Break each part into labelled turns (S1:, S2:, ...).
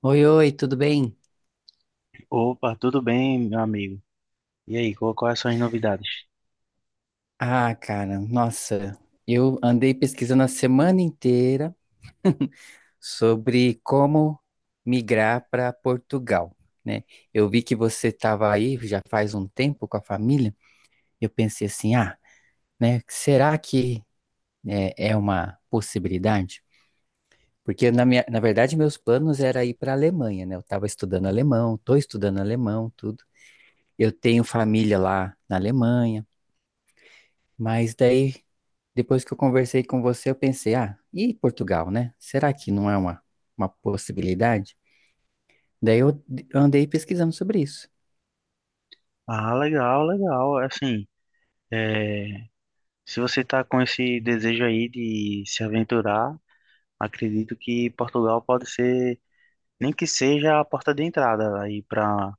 S1: Oi, oi, tudo bem?
S2: Opa, tudo bem, meu amigo? E aí, quais são as novidades?
S1: Ah, cara, nossa, eu andei pesquisando a semana inteira sobre como migrar para Portugal, né? Eu vi que você estava aí já faz um tempo com a família. Eu pensei assim, ah, né? Será que é uma possibilidade? Porque na verdade meus planos era ir para a Alemanha, né? Eu estava estudando alemão, estou estudando alemão, tudo. Eu tenho família lá na Alemanha. Mas daí, depois que eu conversei com você, eu pensei, ah, e Portugal, né? Será que não é uma possibilidade? Daí andei pesquisando sobre isso,
S2: Ah, legal, legal. Assim, é, se você está com esse desejo aí de se aventurar, acredito que Portugal pode ser, nem que seja a porta de entrada aí para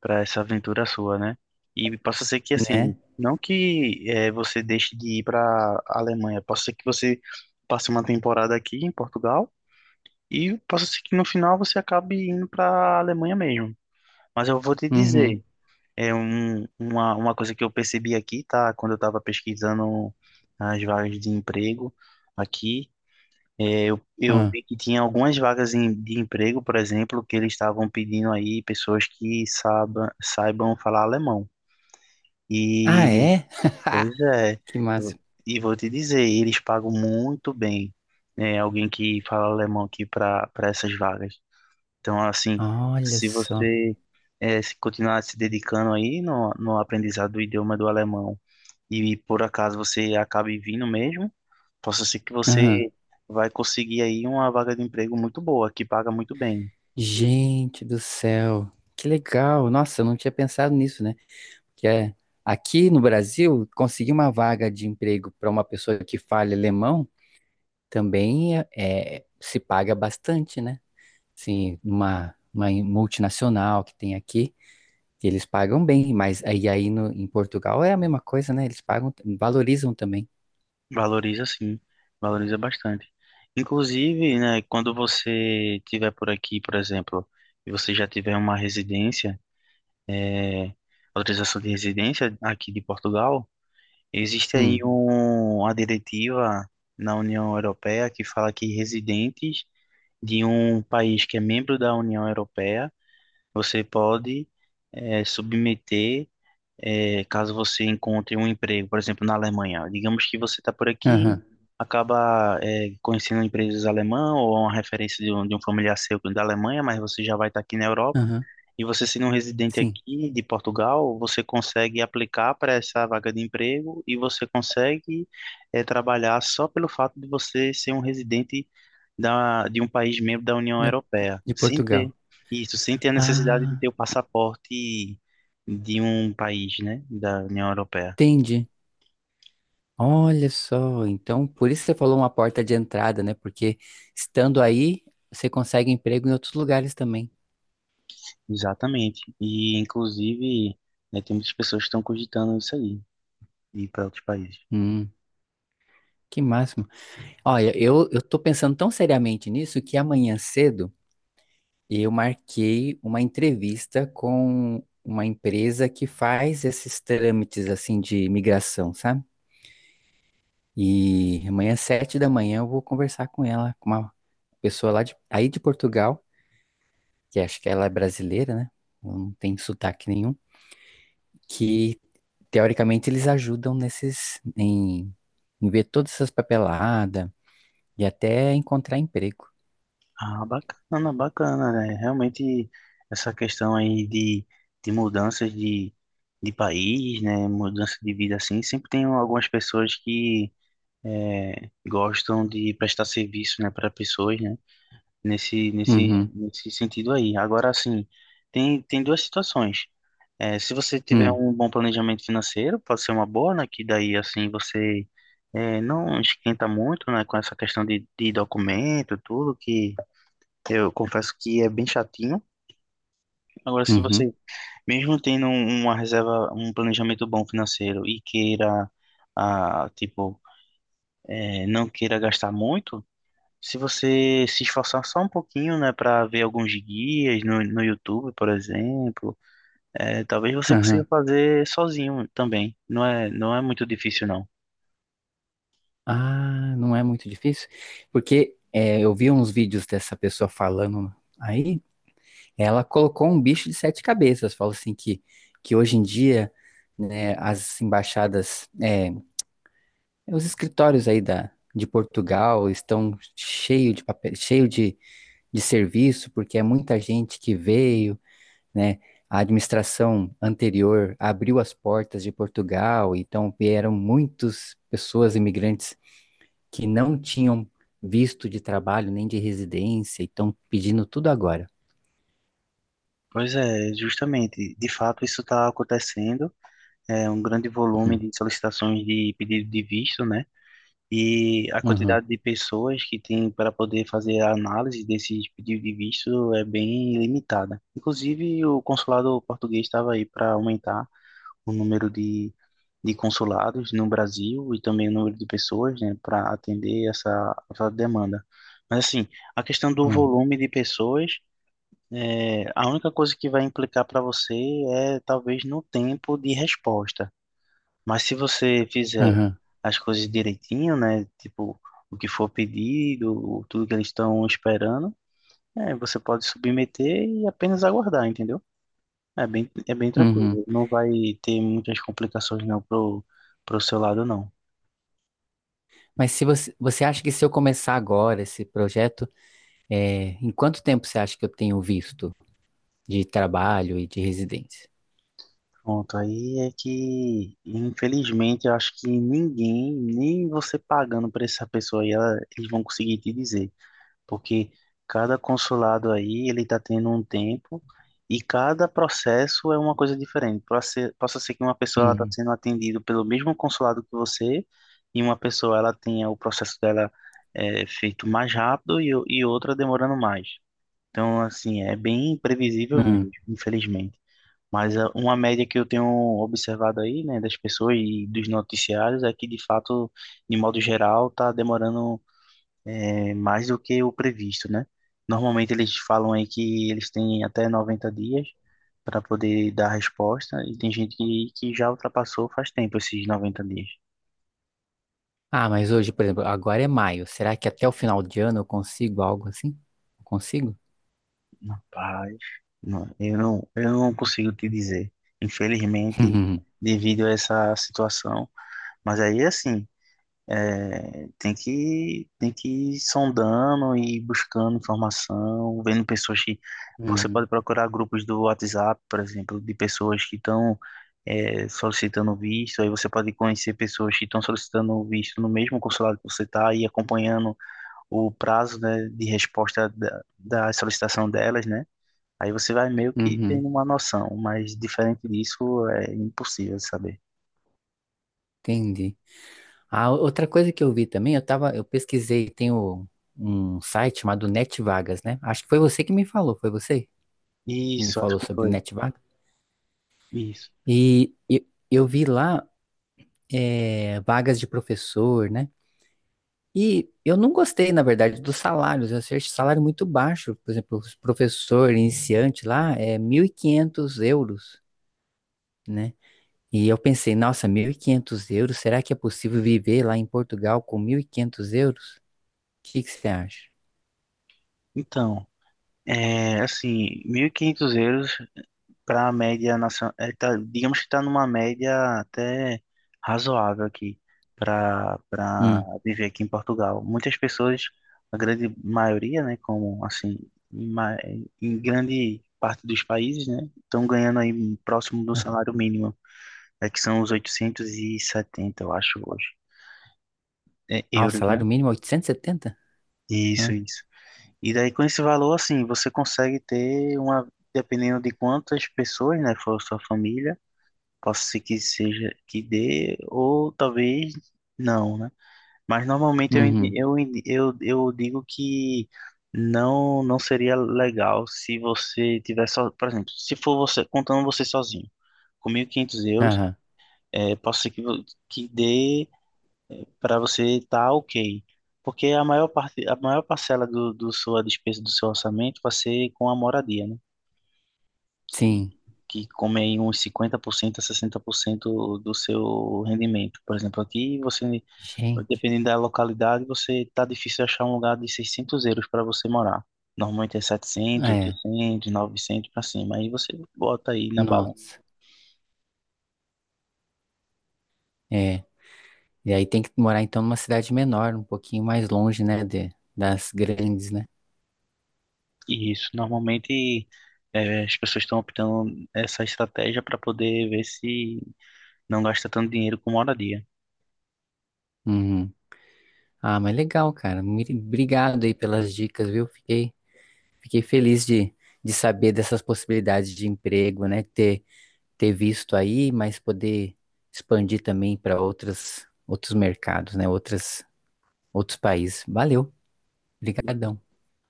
S2: para essa aventura sua, né? E possa ser que, assim,
S1: né?
S2: não que é, você deixe de ir para Alemanha, possa ser que você passe uma temporada aqui em Portugal e possa ser que no final você acabe indo para Alemanha mesmo. Mas eu vou te
S1: Uhum.
S2: dizer. Uma coisa que eu percebi aqui, tá? Quando eu estava pesquisando as vagas de emprego aqui, eu
S1: Ah,
S2: vi que tinha algumas vagas de emprego, por exemplo, que eles estavam pedindo aí pessoas que saibam falar alemão.
S1: ah,
S2: E,
S1: é?
S2: pois é,
S1: Que
S2: eu,
S1: massa.
S2: e vou te dizer, eles pagam muito bem, né, alguém que fala alemão aqui para essas vagas. Então, assim,
S1: Olha
S2: se
S1: só.
S2: você se continuar se dedicando aí no aprendizado do idioma do alemão e por acaso você acabe vindo mesmo, possa ser que você
S1: Aham.
S2: vai conseguir aí uma vaga de emprego muito boa, que paga muito bem.
S1: Gente do céu. Que legal. Nossa, eu não tinha pensado nisso, né? Que é aqui no Brasil, conseguir uma vaga de emprego para uma pessoa que fale alemão também se paga bastante, né? Sim, numa uma multinacional que tem aqui, que eles pagam bem, mas aí no, em Portugal é a mesma coisa, né? Eles pagam, valorizam também.
S2: Valoriza sim, valoriza bastante. Inclusive, né, quando você tiver por aqui, por exemplo, e você já tiver uma residência, eh, autorização de residência aqui de Portugal. Existe aí
S1: Hum,
S2: uma diretiva na União Europeia que fala que residentes de um país que é membro da União Europeia, você pode submeter caso você encontre um emprego, por exemplo, na Alemanha. Digamos que você está por aqui,
S1: aham,
S2: acaba conhecendo empresas alemãs ou uma referência de de um familiar seu da Alemanha, mas você já vai estar aqui na Europa.
S1: aham,
S2: E você sendo um residente
S1: sim,
S2: aqui de Portugal, você consegue aplicar para essa vaga de emprego e você consegue trabalhar só pelo fato de você ser um residente de um país membro da União
S1: da-
S2: Europeia,
S1: de
S2: sem
S1: Portugal.
S2: ter isso, sem ter a necessidade de
S1: Ah,
S2: ter o passaporte de um país, né, da União Europeia.
S1: entendi. Olha só, então por isso você falou uma porta de entrada, né? Porque estando aí, você consegue emprego em outros lugares também.
S2: Exatamente. E, inclusive, né, tem muitas pessoas que estão cogitando isso aí, ir para outros países.
S1: Hum, que máximo. Olha, eu tô pensando tão seriamente nisso que amanhã cedo. Eu marquei uma entrevista com uma empresa que faz esses trâmites assim de imigração, sabe? E amanhã, sete da manhã, eu vou conversar com ela, com uma pessoa lá aí de Portugal, que acho que ela é brasileira, né? Ela não tem sotaque nenhum, que teoricamente eles ajudam em ver todas essas papeladas e até encontrar emprego.
S2: Ah, bacana, bacana, né? Realmente, essa questão aí de mudanças de país, né, mudança de vida assim, sempre tem algumas pessoas que gostam de prestar serviço, né, para pessoas, né,
S1: Uhum,
S2: nesse sentido aí. Agora, assim, tem duas situações. É, se você tiver
S1: uhum,
S2: um bom planejamento financeiro, pode ser uma boa, né? Que daí, assim, você não esquenta muito, né? Com essa questão de documento, tudo, que eu confesso que é bem chatinho. Agora, se
S1: uhum,
S2: você, mesmo tendo uma reserva, um planejamento bom financeiro e queira, ah, tipo, não queira gastar muito, se você se esforçar só um pouquinho, né? Para ver alguns guias no YouTube, por exemplo, é, talvez você consiga
S1: uhum.
S2: fazer sozinho também. Não é muito difícil, não.
S1: Ah, não é muito difícil, porque é, eu vi uns vídeos dessa pessoa falando aí, ela colocou um bicho de sete cabeças, falou assim que hoje em dia, né, as embaixadas, é, os escritórios aí de Portugal estão cheio de papel, cheio de serviço, porque é muita gente que veio, né, a administração anterior abriu as portas de Portugal, então vieram muitas pessoas imigrantes que não tinham visto de trabalho nem de residência e estão pedindo tudo agora.
S2: Pois é, justamente. De fato, isso está acontecendo. É um grande volume
S1: Hum,
S2: de solicitações de pedido de visto, né? E a
S1: uhum,
S2: quantidade de pessoas que tem para poder fazer a análise desses pedidos de visto é bem limitada. Inclusive, o consulado português estava aí para aumentar o número de consulados no Brasil e também o número de pessoas, né, para atender essa demanda. Mas assim, a questão do
S1: hum,
S2: volume de pessoas, é, a única coisa que vai implicar para você é talvez no tempo de resposta. Mas se você fizer
S1: uhum,
S2: as coisas direitinho, né, tipo o que for pedido, tudo que eles estão esperando, é, você pode submeter e apenas aguardar, entendeu? É bem
S1: uhum.
S2: tranquilo. Não vai ter muitas complicações não pro seu lado, não.
S1: Mas se você, você acha que se eu começar agora esse projeto, é, em quanto tempo você acha que eu tenho visto de trabalho e de residência?
S2: Pronto, aí é que, infelizmente, eu acho que ninguém, nem você pagando para essa pessoa aí, eles vão conseguir te dizer. Porque cada consulado aí, ele tá tendo um tempo e cada processo é uma coisa diferente. Possa ser que uma pessoa ela tá
S1: Uhum,
S2: sendo atendida pelo mesmo consulado que você e uma pessoa ela tenha o processo dela feito mais rápido e, e outra demorando mais. Então, assim, é bem previsível mesmo,
S1: uhum.
S2: infelizmente. Mas ah, uma média que eu tenho observado aí, né, das pessoas e dos noticiários é que, de fato, de modo geral, tá demorando mais do que o previsto, né? Normalmente eles falam aí que eles têm até 90 dias para poder dar resposta e tem gente que já ultrapassou faz tempo esses 90 dias.
S1: Ah, mas hoje, por exemplo, agora é maio. Será que até o final de ano eu consigo algo assim? Eu consigo?
S2: Rapaz, eu não consigo te dizer. Infelizmente, devido a essa situação, mas aí, assim, é, tem que ir sondando e buscando informação, vendo pessoas que.
S1: Uhum,
S2: Você
S1: uhum,
S2: pode procurar grupos do WhatsApp, por exemplo, de pessoas que estão solicitando visto. Aí você pode conhecer pessoas que estão solicitando visto no mesmo consulado que você está e acompanhando o prazo, né, de resposta da solicitação delas, né? Aí você vai meio que
S1: uhum.
S2: tendo uma noção, mas diferente disso é impossível de saber.
S1: Entendi. Ah, outra coisa que eu vi também, eu tava, eu pesquisei, um site chamado NetVagas, né? Acho que foi você que me falou, foi você que me
S2: Isso, acho
S1: falou
S2: que
S1: sobre
S2: foi.
S1: NetVagas.
S2: Isso.
S1: Vi lá vagas de professor, né? E eu não gostei, na verdade, dos salários. Eu achei salário muito baixo. Por exemplo, os professor iniciante lá é 1.500 euros, né? E eu pensei, nossa, 1.500 euros, será que é possível viver lá em Portugal com 1.500 euros? O que que você acha?
S2: Então, é, assim, 1.500 euros para a média nacional, é, tá, digamos que está numa média até razoável aqui para
S1: Hum.
S2: viver aqui em Portugal. Muitas pessoas, a grande maioria, né, como assim, em, ma- em grande parte dos países, né, estão ganhando aí próximo do salário mínimo, é que são os 870 eu acho, hoje, é,
S1: Ah, o
S2: euros, né?
S1: salário mínimo é 870?
S2: Isso,
S1: Hã?
S2: isso. E daí com esse valor, assim, você consegue ter uma, dependendo de quantas pessoas, né, for sua família, possa ser que seja que dê, ou talvez não, né? Mas normalmente
S1: Uhum.
S2: eu digo que não seria legal se você tiver só, por exemplo, se for você, contando você sozinho, com 1.500 euros,
S1: Aham.
S2: é, posso ser que, que dê para você estar ok. Porque a maior parte, a maior parcela do sua despesa do seu orçamento vai ser com a moradia, né? Que,
S1: Sim.
S2: que come aí uns 50% a 60% do seu rendimento. Por exemplo, aqui você,
S1: Gente.
S2: dependendo da localidade, você tá difícil achar um lugar de 600 euros para você morar. Normalmente é setecentos,
S1: Ah, é.
S2: 800, 900 para cima. Aí você bota aí na balança.
S1: Nossa. É. E aí tem que morar então numa cidade menor, um pouquinho mais longe, né, de, das grandes, né?
S2: Isso, normalmente as pessoas estão optando essa estratégia para poder ver se não gasta tanto dinheiro com moradia.
S1: Uhum. Ah, mas legal, cara. Muito obrigado aí pelas dicas, viu? Fiquei, fiquei feliz de saber dessas possibilidades de emprego, né? Ter, ter visto aí, mas poder expandir também para outras, outros mercados, né? Outras, outros países. Valeu. Obrigadão.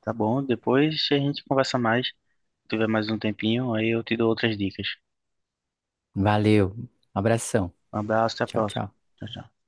S2: Tá bom? Depois a gente conversa mais. Se tiver mais um tempinho, aí eu te dou outras dicas.
S1: Valeu. Abração.
S2: Um abraço, até a
S1: Tchau,
S2: próxima.
S1: tchau.
S2: Tchau, tchau.